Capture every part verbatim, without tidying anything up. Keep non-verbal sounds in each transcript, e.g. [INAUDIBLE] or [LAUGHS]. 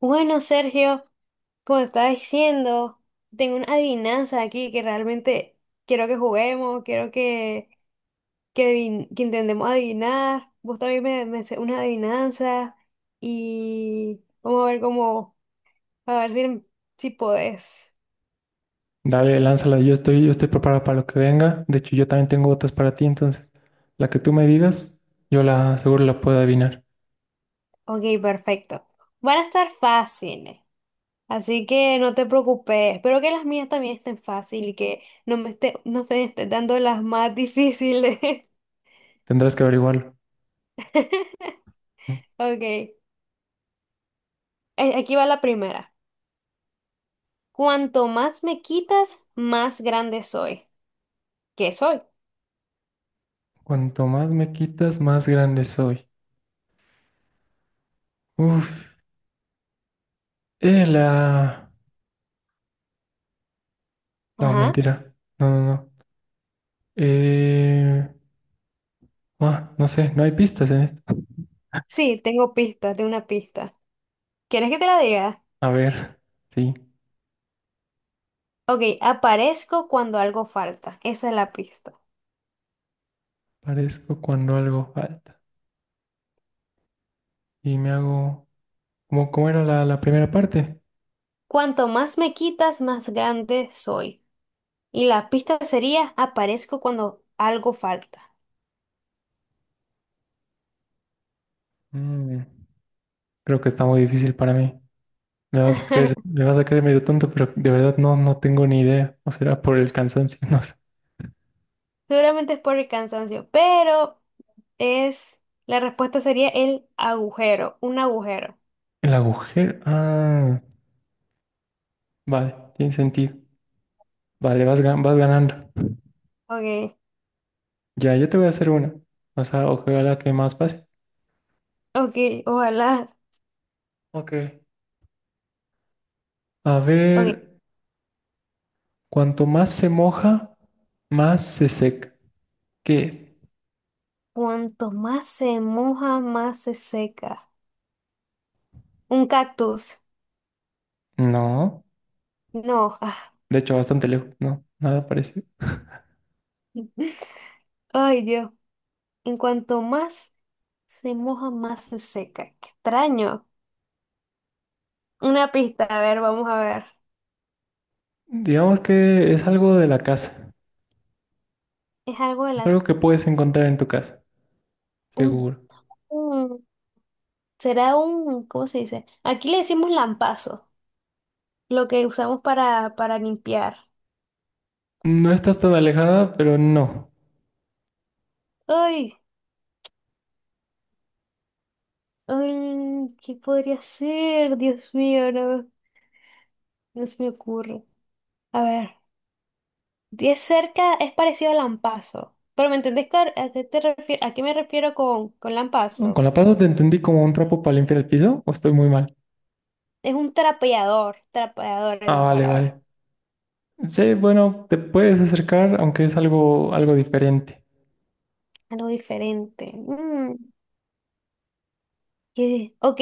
Bueno, Sergio, como te estaba diciendo, tengo una adivinanza aquí que realmente quiero que juguemos, quiero que, que, adivin- que intentemos adivinar. Vos también me, me sé una adivinanza y vamos a ver cómo, a ver si, si podés. Dale, lánzala, yo estoy, yo estoy preparado para lo que venga. De hecho, yo también tengo otras para ti, entonces la que tú me digas, yo la seguro la puedo adivinar. Ok, perfecto. Van a estar fáciles, así que no te preocupes. Espero que las mías también estén fáciles y que no me esté, no me estés dando las más difíciles. [LAUGHS] Tendrás que averiguarlo. Ok, eh, aquí va la primera. Cuanto más me quitas, más grande soy. ¿Qué soy? Cuanto más me quitas, más grande soy. Uf, eh, la... No, Ajá. mentira. No, no, no. Eh... ah, no sé, no hay pistas en esto. [LAUGHS] Sí, tengo pistas de una pista. ¿Quieres que te la diga? A ver, sí. Ok, aparezco cuando algo falta. Esa es la pista. Parezco cuando algo falta. Y me hago... ¿Cómo, cómo era la, la primera parte? Cuanto más me quitas, más grande soy. Y la pista sería aparezco cuando algo falta. Mm, creo que está muy difícil para mí. Me vas a creer, [LAUGHS] me vas a creer medio tonto, pero de verdad no, no tengo ni idea. O será por el cansancio, [LAUGHS] no sé. Seguramente es por el cansancio, pero es... La respuesta sería el agujero, un agujero. El agujero. Ah, vale, tiene sentido. Vale, vas, gan- vas ganando. Ok, Ya, yo te voy a hacer una. O sea, ojalá que más pase. ok, ojalá. Ok. A ver, Ok, cuanto más se moja, más se seca. ¿Qué es? cuanto más se moja, más se seca. Un cactus. No, No, ah. de hecho, bastante lejos. No, nada parecido. [LAUGHS] Ay, Dios. En cuanto más se moja, más se seca. Qué extraño. Una pista, a ver, vamos a ver. Digamos que es algo de la casa. Es algo de Es las... algo que puedes encontrar en tu casa, un- seguro. un- será un... ¿Cómo se dice? Aquí le decimos lampazo, lo que usamos para, para limpiar. No estás tan alejada, pero no. Ay, ay, ¿qué podría ser? Dios mío, no, no se me ocurre. A ver. Y es cerca, es parecido al lampazo. Pero ¿me entendés cuál- a qué, te refie- a qué me refiero con, con Mm, con lampazo? la pata te entendí como un trapo para limpiar el piso, o estoy muy mal. Es un trapeador, trapeador es Ah, la vale, palabra. vale. Sí, bueno, te puedes acercar, aunque es algo, algo diferente. Algo diferente. Mm, ¿qué? Ok,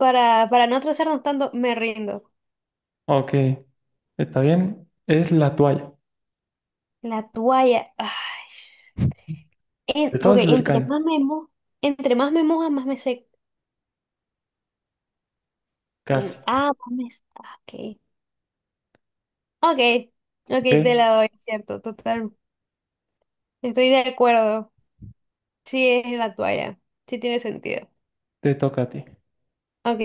para, para no atrasarnos tanto, me rindo. Ok, está bien. Es la toalla. La toalla. Ay. Te En- ok, estabas entre acercando, más me mojo, entre más me moja, más me seco. casi. Ah, más me... se- ah, Ok. Ok, ok, Ok, te la doy, es cierto, total. Estoy de acuerdo. Sí, es la toalla. Sí tiene sentido. te toca a ti. Ok.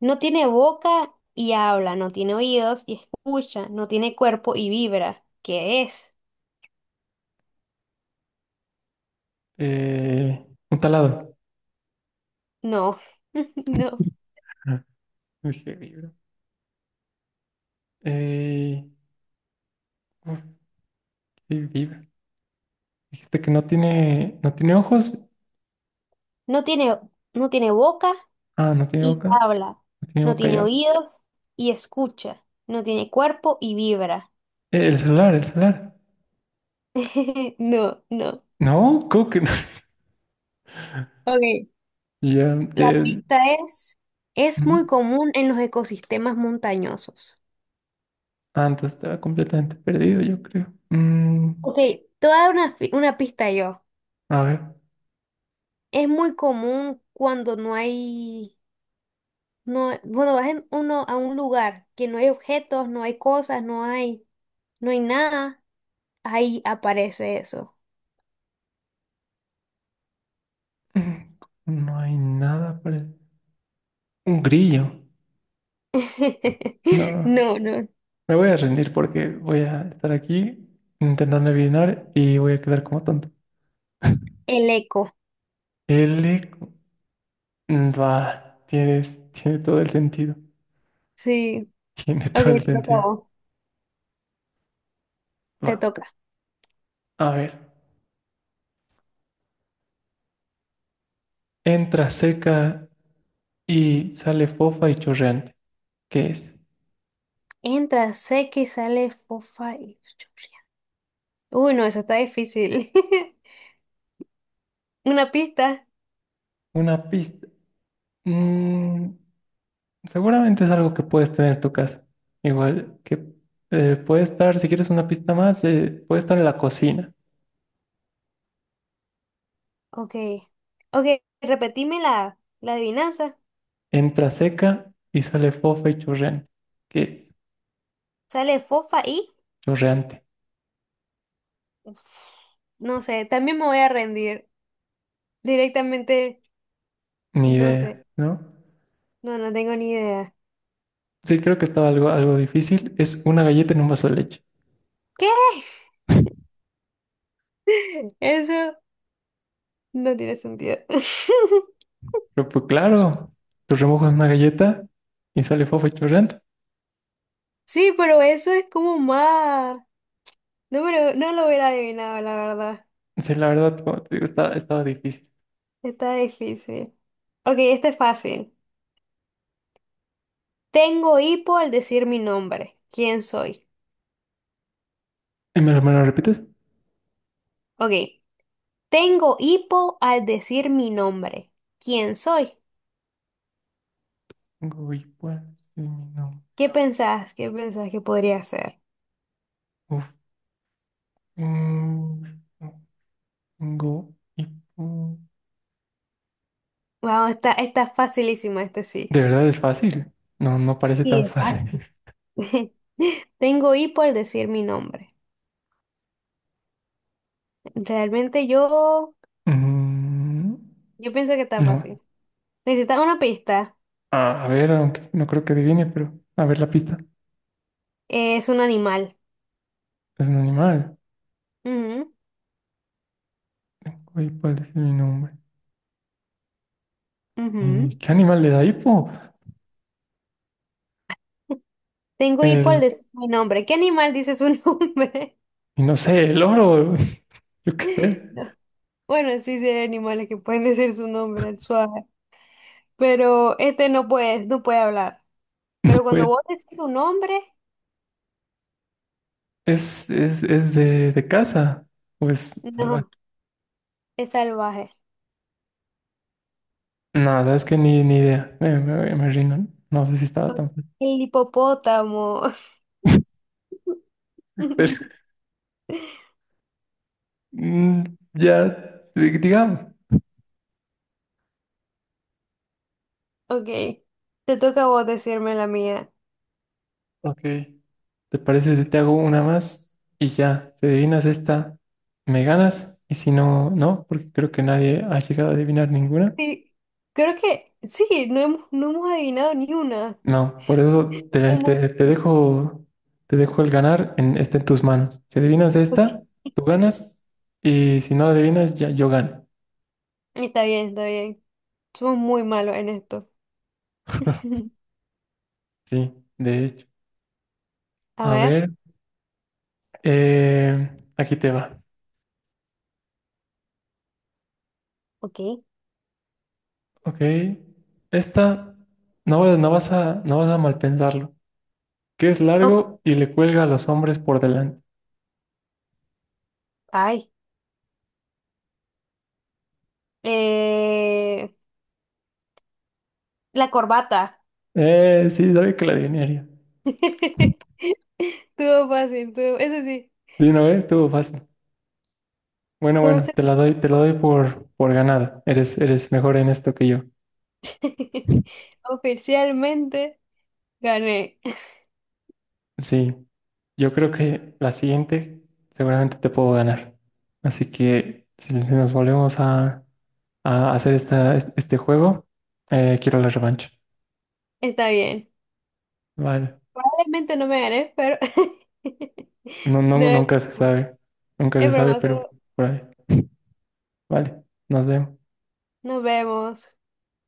No tiene boca y habla, no tiene oídos y escucha, no tiene cuerpo y vibra. ¿Qué es? Eh, un taladro. No. [LAUGHS] No. Ah, dije vibra. Eh, uf, sí, vibra. Dijiste que no tiene, no tiene ojos. No tiene, no tiene boca Ah, no tiene y boca. habla, No tiene no boca tiene ya. oídos y escucha, no tiene cuerpo y vibra. Eh, el celular, el celular. [LAUGHS] No, no. No, ¿cómo que no? [LAUGHS] Ok. Ya, La eh, pista es, es ujú. muy común en los ecosistemas montañosos. Antes estaba completamente perdido, yo creo. Mm, Ok, te voy a dar una, fi- una pista yo. a ver, Es muy común cuando no hay, no, bueno, vas en uno a un lugar que no hay objetos, no hay cosas, no hay, no hay nada, ahí aparece eso. Mm, no hay nada para... Un grillo. [LAUGHS] No, No, no, me voy a rendir porque voy a estar aquí intentando adivinar y voy a quedar como tonto. el eco. L... Mm, va, tienes, tiene todo el sentido. Sí. Tiene Ok, todo el te toca sentido. a vos. Va, Te toca. a ver. Entra seca y sale fofa y chorreante. ¿Qué es? Entra, seca y sale fofa y chorrea. Uy, no, eso está difícil. [LAUGHS] Una pista. Una pista. Mm, seguramente es algo que puedes tener en tu casa. Igual que eh, puede estar, si quieres una pista más, eh, puede estar en la cocina. Ok. Ok, repetime la, la adivinanza. Entra seca y sale fofa y chorreante. ¿Qué es? Sale fofa y... Chorreante. No sé, también me voy a rendir. Directamente, Ni no idea, sé. ¿no? No, no tengo ni idea. Sí, creo que estaba algo, algo difícil. Es una galleta en un vaso de leche. ¿Qué? [LAUGHS] Eso no tiene sentido. [LAUGHS] Pero pues claro, tú remojas una galleta y sale fofa y chorreante. Sí, pero eso es como más. No, me lo- no lo hubiera adivinado, la verdad. Sí, la verdad, como te digo, estaba, estaba difícil. Está difícil. Ok, este es fácil. Tengo hipo al decir mi nombre. ¿Quién soy? ¿Y me lo, me lo repites? Ok. Tengo hipo al decir mi nombre. ¿Quién soy? Uy, pues, sí, no. ¿Qué pensás? ¿Qué pensás que podría ser? Uf. Mm. Go y pu- Vamos, está, está facilísimo este sí. De verdad es fácil. No, no parece Sí, tan es fácil. fácil. [LAUGHS] [LAUGHS] Tengo hipo al decir mi nombre. Realmente yo, Mm, yo pienso que está no. fácil. Necesitas una pista. A, a ver, aunque no creo que adivine, pero a ver la pista. Es un animal. Es un animal. Ujú, Oye, ¿cuál es mi nombre? ujú. ¿Y qué animal le da hipo? Tengo hipo al El, decir mi nombre. ¿Qué animal dice su nombre? [LAUGHS] y no sé, el oro. [LAUGHS] Yo qué sé. No. Bueno, sí, sí hay animales que pueden decir su nombre, el suave. Pero este no puede, no puede hablar. Pero cuando Pues, vos decís su nombre, es, es, es de, de casa. O es salvaje. no, es salvaje. Nada, es que ni, ni idea. Me, me, me rindo. No sé si estaba tan fácil. El hipopótamo. [LAUGHS] Pero [LAUGHS] mm, ya, di- digamos. Ok, te toca a vos decirme la mía. Ok, ¿te parece si te hago una más y ya? Si adivinas esta, me ganas y si no, no, porque creo que nadie ha llegado a adivinar ninguna. Sí, creo que sí, no hemos, no hemos adivinado ni una. No, por eso te, Somos- te- te dejo, te dejo el ganar en, está en tus manos. Si adivinas ok, esta, tú ganas y si no la adivinas, ya yo gano. está bien, está bien. Somos muy malos en esto. [LAUGHS] [LAUGHS] Sí, de hecho. A A ver, ver, eh, aquí te va. ok. Ok, esta no, no vas a, no vas a mal pensarlo. Que es Oh, largo y le cuelga a los hombres por delante. ay, eh, la corbata. Eh, sí, sabía que la adivinaría. [LAUGHS] Estuvo fácil, estuvo- eso sí. Sí, no, eh, estuvo fácil. Bueno, bueno, Entonces, te la doy, te la doy por, por ganada. Eres, eres mejor en esto que yo. [LAUGHS] oficialmente gané. Sí, yo creo que la siguiente seguramente te puedo ganar. Así que si si nos volvemos a, a hacer esta, este este juego, eh, quiero la revancha. Está bien. Vale. Probablemente no me ganes, pero... [LAUGHS] No, No, no, es nunca se broma, sabe. Nunca es se sabe, broma, pero solo por ahí. Vale, nos vemos. nos vemos.